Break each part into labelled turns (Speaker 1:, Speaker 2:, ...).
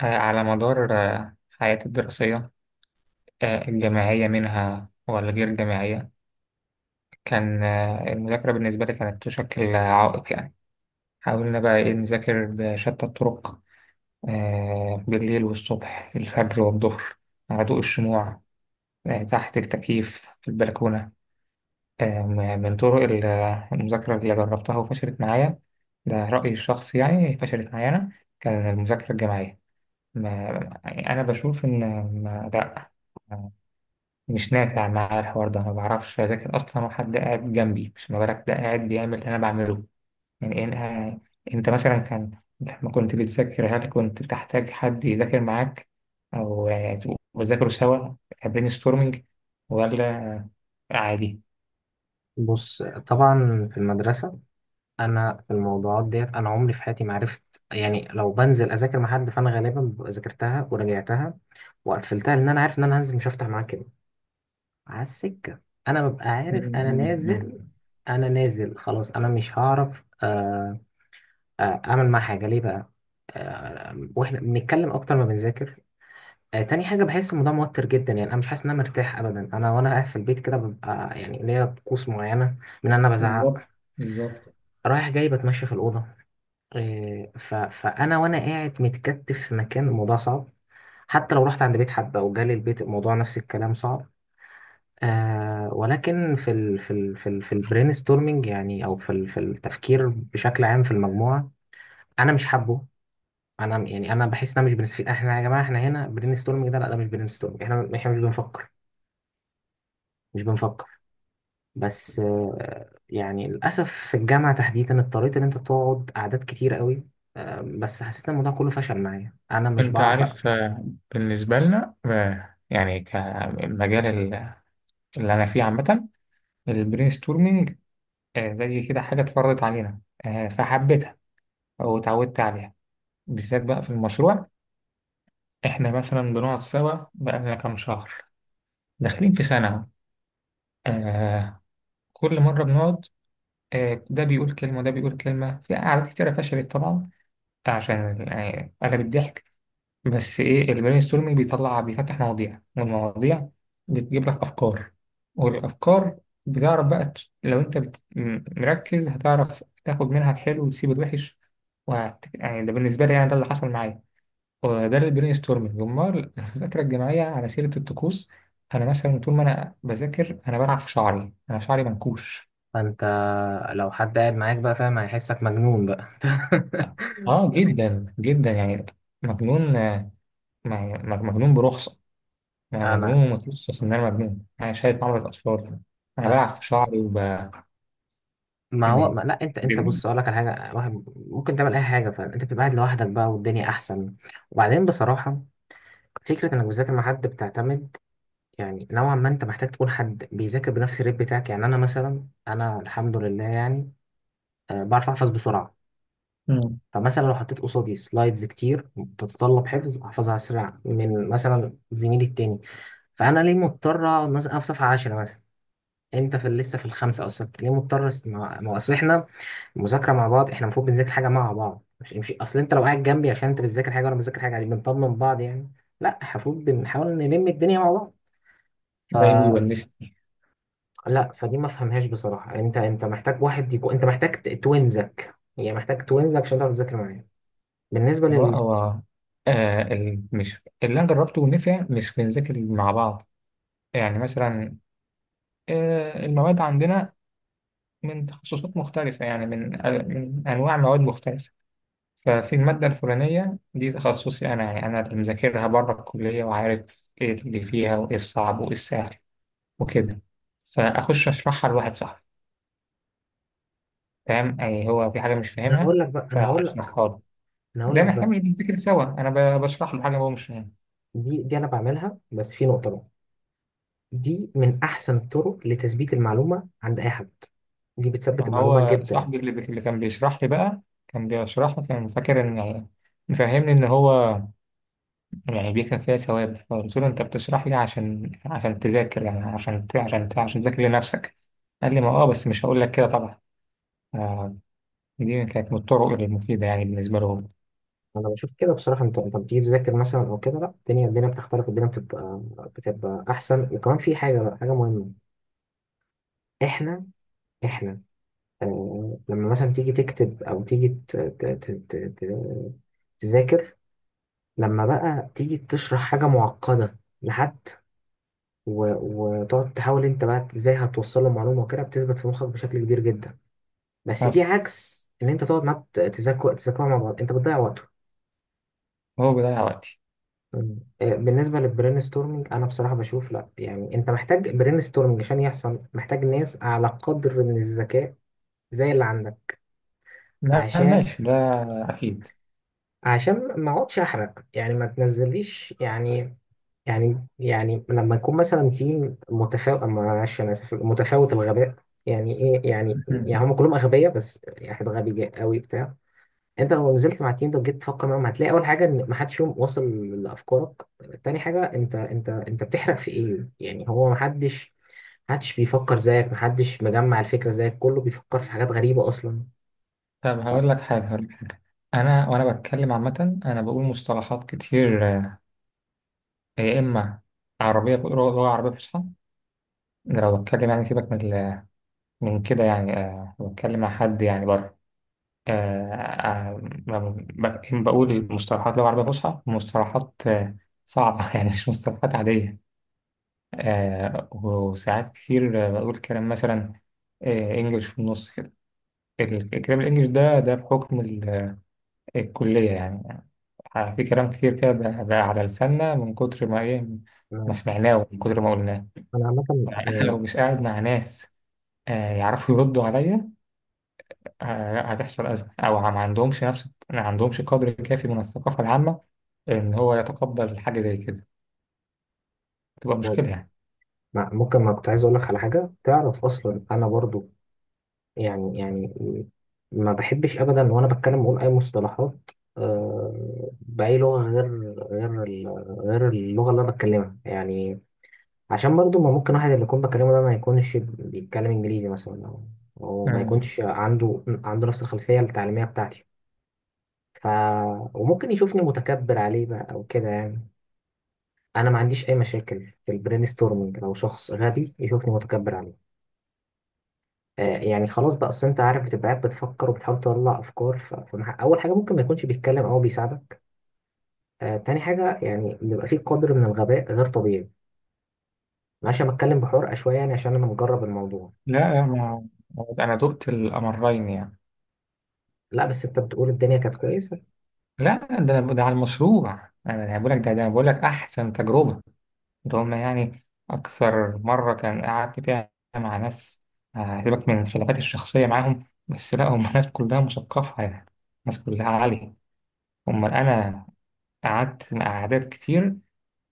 Speaker 1: على مدار حياتي الدراسية، الجامعية منها ولا غير الجامعية. كان المذاكرة بالنسبة لي كانت تشكل عائق يعني. حاولنا بقى إيه نذاكر بشتى الطرق، بالليل والصبح الفجر والظهر، على ضوء الشموع، تحت التكييف في البلكونة. من طرق المذاكرة اللي جربتها وفشلت معايا. ده رأيي الشخصي يعني، فشلت معايا أنا. كان المذاكرة الجامعية، ما يعني أنا بشوف إن، لأ، مش نافع معايا الحوار ده. ما بعرفش اذاكر اصلا وحد قاعد جنبي، مش ما بالك ده قاعد بيعمل اللي انا بعمله. يعني إيه انا، يعني انت مثلا كان، لما كنت بتذاكر هل كنت بتحتاج حد يذاكر معاك؟ او تبقوا بتذاكروا سوا، كبرين ستورمنج، ولا عادي؟
Speaker 2: بص، طبعا في المدرسة، أنا في الموضوعات ديت أنا عمري في حياتي ما عرفت. يعني لو بنزل أذاكر مع حد فأنا غالبا ببقى ذاكرتها وراجعتها وقفلتها، لأن أنا عارف إن أنا هنزل مش هفتح معاه كده على السكة. أنا ببقى
Speaker 1: م-
Speaker 2: عارف أنا
Speaker 1: م-
Speaker 2: نازل،
Speaker 1: م.
Speaker 2: أنا نازل خلاص، أنا مش هعرف أعمل معاه حاجة ليه بقى؟ وإحنا بنتكلم أكتر ما بنذاكر. تاني حاجة، بحس الموضوع موتر جدا، يعني أنا مش حاسس إن أنا مرتاح أبدا. أنا وأنا قاعد في البيت كده ببقى يعني ليا طقوس معينة، من إن أنا بزعق
Speaker 1: بالظبط، بالظبط.
Speaker 2: رايح جاي، بتمشى في الأوضة. فأنا وأنا قاعد متكتف في مكان، الموضوع صعب. حتى لو رحت عند بيت حد أو جالي البيت، الموضوع نفس الكلام، صعب. آه، ولكن في البرين ستورمينج، يعني، أو في التفكير بشكل عام في المجموعة، أنا مش حابه. أنا يعني أنا بحس إن أنا مش بنستفيد. إحنا يا جماعة، إحنا هنا برين ستورمينج ده؟ لا، ده مش برين ستورمينج. إحنا مش بنفكر. بس آه، يعني للأسف في الجامعة تحديدا اضطريت إن أنت تقعد قعدات كتير قوي، بس حسيت ان الموضوع كله فشل معايا. انا مش
Speaker 1: انت
Speaker 2: بعرف
Speaker 1: عارف
Speaker 2: اقنع.
Speaker 1: بالنسبه لنا، يعني كمجال اللي انا فيه عامه، البرين ستورمنج زي كده حاجة اتفرضت علينا، فحبيتها واتعودت عليها. بالذات بقى في المشروع، احنا مثلا بنقعد سوا بقالنا كام شهر، داخلين في سنة أهو. آه، كل مرة بنقعد، آه، ده بيقول كلمة وده بيقول كلمة. في قعدات كتيرة فشلت طبعا، عشان أغلب الضحك. بس ايه، البرين ستورمنج بيطلع بيفتح مواضيع، والمواضيع بتجيب لك افكار، والافكار بتعرف بقى لو انت مركز هتعرف تاخد منها الحلو وتسيب الوحش، يعني ده بالنسبه لي، يعني ده اللي حصل معايا، وده البرين ستورمنج. امال المذاكره الجماعيه، على سيره الطقوس، انا مثلا طول ما انا بذاكر انا بلعب في شعري، انا شعري منكوش.
Speaker 2: فانت لو حد قاعد معاك بقى فاهم، هيحسك مجنون بقى.
Speaker 1: اه جدا جدا يعني، مجنون م- مجنون برخصه. انا
Speaker 2: انا
Speaker 1: مجنون متلصص، ان انا مجنون، انا شايل مرض اطفال، انا بلعب
Speaker 2: بس،
Speaker 1: في شعري
Speaker 2: ما هو،
Speaker 1: م-
Speaker 2: ما لا، انت
Speaker 1: ب-
Speaker 2: بص، اقول لك على حاجه. واحد ممكن تعمل اي حاجه، فانت بتبقى قاعد لوحدك بقى والدنيا احسن. وبعدين بصراحه، فكره انك بتذاكر مع حد بتعتمد، يعني نوعا ما انت محتاج تكون حد بيذاكر بنفس الريت بتاعك. يعني انا مثلا، انا الحمد لله يعني بعرف احفظ بسرعه.
Speaker 1: مم.
Speaker 2: فمثلا لو حطيت قصادي سلايدز كتير بتتطلب حفظ، احفظها اسرع من مثلا زميلي التاني. فانا ليه مضطر اقعد، مثلا أنا في صفحه 10 مثلا، انت في لسه في الخمسه او السته؟ ليه مضطر ما هو اصل احنا مذاكره مع بعض، احنا المفروض بنذاكر حاجه مع بعض، مش اصل انت لو قاعد جنبي عشان انت بتذاكر حاجه وانا بذاكر حاجه، يعني بنطمن بعض يعني. لا، المفروض بنحاول نلم الدنيا مع بعض.
Speaker 1: جايبه
Speaker 2: فلا،
Speaker 1: يونسني.
Speaker 2: فدي ما فهمهاش بصراحه. انت محتاج واحد يكون، انت محتاج توينزك، يعني محتاج توينزك عشان تعرف تذاكر معايا. بالنسبه،
Speaker 1: هو آه مش اللي انا جربته ونفع، مش بنذاكر مع بعض. يعني مثلا آه، المواد عندنا من تخصصات مختلفة، يعني من من انواع مواد مختلفة. ففي المادة الفلانية دي تخصصي انا، يعني انا اللي مذاكرها بره الكلية وعارف ايه اللي فيها وايه الصعب وايه السهل وكده، فاخش اشرحها لواحد صاحبي فاهم يعني، هو في حاجة مش
Speaker 2: انا
Speaker 1: فاهمها
Speaker 2: هقول لك بقى انا هقول لك
Speaker 1: فأشرحها له.
Speaker 2: انا هقول
Speaker 1: ده
Speaker 2: لك
Speaker 1: إحنا
Speaker 2: بقى.
Speaker 1: مش بنذاكر سوا، أنا بشرح له حاجة هو مش فاهمها.
Speaker 2: دي انا بعملها، بس في نقطه بقى، دي من احسن الطرق لتثبيت المعلومه عند اي حد، دي بتثبت
Speaker 1: ما
Speaker 2: المعلومه
Speaker 1: هو
Speaker 2: جدا.
Speaker 1: صاحبي اللي كان بيشرح لي بقى، كان بيشرح لي كان فاكر إن، مفهمني إن هو يعني بيكسب فيها ثواب. فقلت له أنت بتشرح لي عشان، تذاكر، يعني عشان عشان تذاكر لنفسك. قال لي ما أه، بس مش هقول لك كده طبعا. آه، دي كانت من الطرق المفيدة يعني، بالنسبة له هو.
Speaker 2: انا بشوف كده بصراحه، انت بتيجي تذاكر مثلا او كده، لا، الدنيا بتختلف، الدنيا بتبقى احسن. وكمان في حاجه بقى، حاجه مهمه، احنا احنا آه لما مثلا تيجي تكتب او تيجي تذاكر، لما بقى تيجي تشرح حاجه معقده لحد، و- وتقعد تحاول انت بقى ازاي هتوصل له معلومه وكده، بتثبت في مخك بشكل كبير جدا. بس دي
Speaker 1: بس
Speaker 2: عكس ان انت تقعد معاه تذاكر مع بعض انت بتضيع وقته.
Speaker 1: هو بيضيع وقتي.
Speaker 2: بالنسبه للبرين ستورمنج انا بصراحه بشوف لا، يعني انت محتاج برين ستورمنج عشان يحصل، محتاج ناس على قدر من الذكاء زي اللي عندك، عشان
Speaker 1: ماشي ده، أكيد.
Speaker 2: عشان ما اقعدش احرق، يعني ما تنزليش يعني لما يكون مثلا تيم متفاوت، معلش انا اسف، متفاوت الغباء. يعني ايه؟ يعني، يعني هم كلهم اغبياء بس يعني واحد غبي قوي بتاع. انت لو نزلت مع التيم ده وجيت تفكر معاهم، هتلاقي اول حاجه ان ما حدش فيهم واصل لافكارك. تاني حاجه، انت بتحرق في ايه؟ يعني هو ما حدش بيفكر زيك، ما حدش مجمع الفكره زيك، كله بيفكر في حاجات غريبه اصلا.
Speaker 1: طب هقول لك حاجة، انا وانا بتكلم عامه انا بقول مصطلحات كتير يا اما عربيه، بقول لغه عربيه فصحى. ده لو بتكلم يعني، سيبك من من كده يعني، لو بتكلم مع حد يعني بره، آه، بقول مصطلحات لغه عربيه فصحى، مصطلحات صعبه يعني، مش مصطلحات عاديه. وساعات كتير بقول كلام مثلا انجلش في النص كده. الكلام الانجليش ده ده بحكم الكليه يعني. في كلام كتير كده بقى على لساننا من كتر ما إيه، ما
Speaker 2: انا
Speaker 1: سمعناه ومن كتر ما قلناه.
Speaker 2: أنا عامه
Speaker 1: فأنا لو
Speaker 2: يعني.
Speaker 1: مش قاعد مع ناس يعرفوا يردوا عليا، هتحصل أزمة، أو ما عندهمش نفس، ما عندهمش قدر كافي من الثقافة العامة إن هو يتقبل حاجة زي كده، تبقى مشكلة يعني.
Speaker 2: ممكن، ما كنت عايز اقول لك على حاجه، تعرف اصلا انا برضو يعني، ما بحبش ابدا وانا بتكلم اقول اي مصطلحات آه، باي لغه غير اللغه اللي انا بتكلمها يعني، عشان برضو ما ممكن واحد اللي يكون بكلمه ده ما يكونش بيتكلم انجليزي مثلا او أو ما
Speaker 1: مم.
Speaker 2: يكونش عنده نفس الخلفيه التعليميه بتاعتي. ف وممكن يشوفني متكبر عليه بقى او كده يعني. انا ما عنديش اي مشاكل في البرين ستورمنج لو شخص غبي يشوفني متكبر عليه. آه، يعني خلاص بقى، اصل انت عارف بتبقى قاعد بتفكر وبتحاول تطلع افكار، اول حاجه ممكن ما يكونش بيتكلم او بيساعدك، آه، تاني حاجه يعني بيبقى فيه قدر من الغباء غير طبيعي. معلش انا بتكلم بحرقه شويه يعني عشان انا مجرب الموضوع.
Speaker 1: لا ما، أنا دقت الأمرين يعني.
Speaker 2: لا، بس انت بتقول الدنيا كانت كويسه.
Speaker 1: لا ده ده على المشروع، أنا بقول لك ده، أنا بقول لك أحسن تجربة. ده هما يعني أكثر مرة كان قعدت فيها مع ناس، سيبك من الخلافات الشخصية معاهم، بس لا هم ناس كلها مثقفة يعني، ناس كلها عالية. أمال أنا قعدت مع أعداد كتير،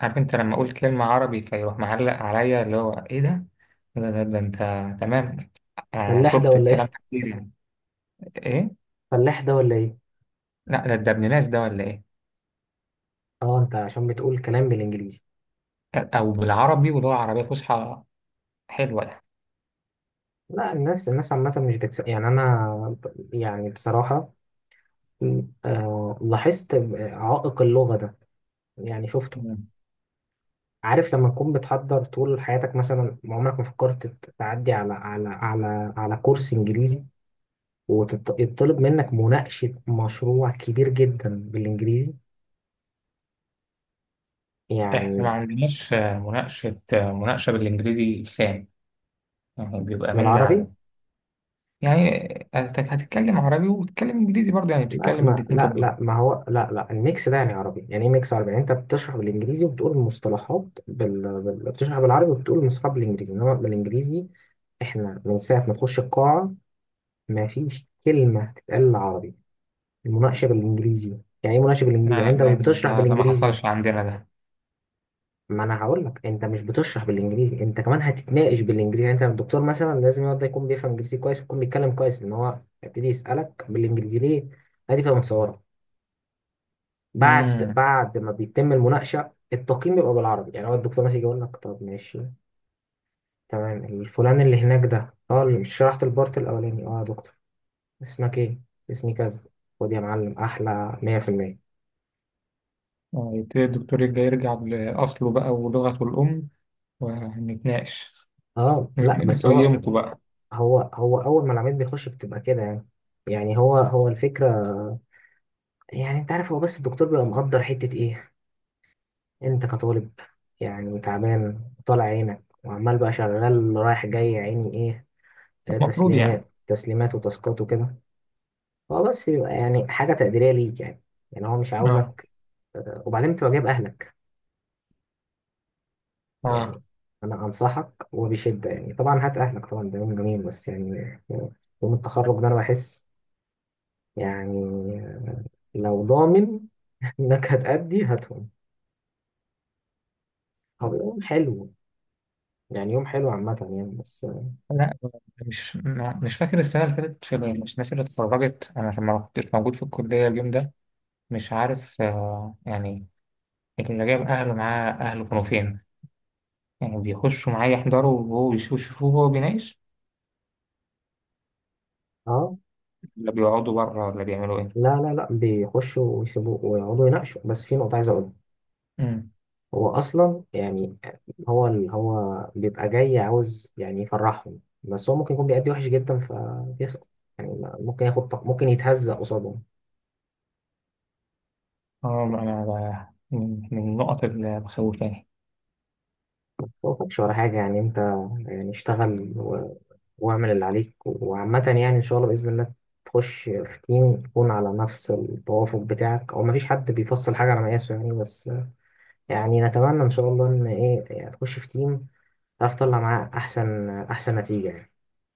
Speaker 1: عارف أنت لما أقول كلمة عربي فيروح معلق عليا اللي هو إيه ده؟ ده أنت، تمام،
Speaker 2: فلاح ده
Speaker 1: شفت
Speaker 2: ولا
Speaker 1: الكلام
Speaker 2: ايه؟
Speaker 1: ده كتير يعني. إيه؟
Speaker 2: فلاح ده ولا ايه؟
Speaker 1: لا ده ابن ناس ده ولا إيه؟
Speaker 2: اه، انت عشان بتقول كلام بالانجليزي.
Speaker 1: أو بالعربي، واللغة العربية فصحى حلوة
Speaker 2: لا، الناس، الناس عامه مش يعني انا، يعني بصراحه، آه، لاحظت عائق اللغه ده، يعني شفته.
Speaker 1: يعني.
Speaker 2: عارف لما تكون بتحضر طول حياتك مثلا ما عمرك ما فكرت تعدي على على على على كورس انجليزي، ويطلب منك مناقشة مشروع كبير جدا بالانجليزي،
Speaker 1: احنا ما
Speaker 2: يعني.
Speaker 1: عندناش مناقشة بالانجليزي خام، يعني بيبقى من ده على
Speaker 2: بالعربي.
Speaker 1: ده يعني. هتتكلم عربي وبتتكلم انجليزي برضه، يعني
Speaker 2: لا،
Speaker 1: بتتكلم
Speaker 2: ما
Speaker 1: الاتنين في
Speaker 2: لا
Speaker 1: بعض.
Speaker 2: لا، ما هو، لا لا، الميكس ده يعني عربي؟ يعني ايه ميكس عربي؟ يعني انت بتشرح بالانجليزي وبتقول المصطلحات بتشرح بالعربي وبتقول المصطلحات بالانجليزي، انما بالانجليزي احنا، من ساعة ما تخش القاعة ما فيش كلمة تتقال عربي، المناقشه بالانجليزي. يعني ايه مناقشه بالانجليزي؟ يعني
Speaker 1: لا
Speaker 2: انت
Speaker 1: لا
Speaker 2: مش بتشرح
Speaker 1: ده ما
Speaker 2: بالانجليزي،
Speaker 1: حصلش عندنا ده.
Speaker 2: ما انا هقول لك انت مش بتشرح بالانجليزي، انت كمان هتتناقش بالانجليزي. يعني انت الدكتور مثلا لازم يقعد يكون بيفهم انجليزي كويس، ويكون بيتكلم كويس، ان هو يبتدي يسالك بالانجليزي ليه. ادي بقى متصوره. بعد
Speaker 1: امم.
Speaker 2: بعد ما بيتم المناقشه التقييم بيبقى بالعربي. يعني هو الدكتور مثلا يجي يقول لك، طب ماشي، تمام، الفلان اللي هناك ده، اه اللي مش شرحت البارت الاولاني، اه يا دكتور، اسمك ايه؟ اسمي كذا. خد يا معلم احلى 100%.
Speaker 1: يبتدي الدكتور يرجع لأصله بقى ولغته الأم ونتناقش،
Speaker 2: اه لا بس هو
Speaker 1: نقيمكم بقى.
Speaker 2: هو هو اول ما العميل بيخش بتبقى كده يعني. يعني هو الفكره، يعني انت عارف هو بس الدكتور بيبقى مقدر حته ايه؟ انت كطالب يعني تعبان، طالع عينك وعمال بقى شغال رايح جاي يا عيني، ايه؟ آه،
Speaker 1: المفروض يعني،
Speaker 2: تسليمات وتاسكات وكده. هو بس يبقى يعني حاجه تقديريه ليك يعني. يعني هو مش
Speaker 1: اه.
Speaker 2: عاوزك، وبعدين تبقى جايب اهلك
Speaker 1: اه
Speaker 2: يعني. انا انصحك وبشده يعني، طبعا هات اهلك، طبعا ده يوم جميل، بس يعني يوم التخرج ده انا بحس يعني، لو ضامن انك هتأدي، هاتهم، طب يوم حلو، يعني يوم حلو عامة يعني. بس
Speaker 1: لا، مش مش فاكر السنة اللي فاتت، في مش الناس اللي اتخرجت أنا لما ما كنتش موجود في الكلية اليوم ده، مش عارف آه يعني. لكن لو جاب أهله معاه، أهله كانوا فين؟ يعني بيخشوا معاه يحضروا وهو يشوفوه وهو بيناقش؟
Speaker 2: اه،
Speaker 1: ولا بيقعدوا بره ولا بيعملوا إيه؟
Speaker 2: لا لا لا، بيخشوا ويسيبوا ويقعدوا يناقشوا، بس في نقطة عايز اقولها.
Speaker 1: أمم.
Speaker 2: هو اصلا يعني، هو بيبقى جاي عاوز يعني يفرحهم، بس هو ممكن يكون بيأدي وحش جدا فبيسقط، يعني ممكن ياخد ممكن يتهزق قصادهم.
Speaker 1: اه أنا، من النقط اللي مخوفاني.
Speaker 2: هو ما فيش ولا حاجة، يعني انت يعني اشتغل واعمل اللي عليك وعامة، يعني إن شاء الله بإذن الله تخش في تيم يكون على نفس التوافق بتاعك، أو مفيش حد بيفصل حاجة على مقاسه يعني، بس يعني نتمنى إن شاء الله إن إيه، يعني تخش في تيم تعرف تطلع معاه أحسن، أحسن نتيجة يعني.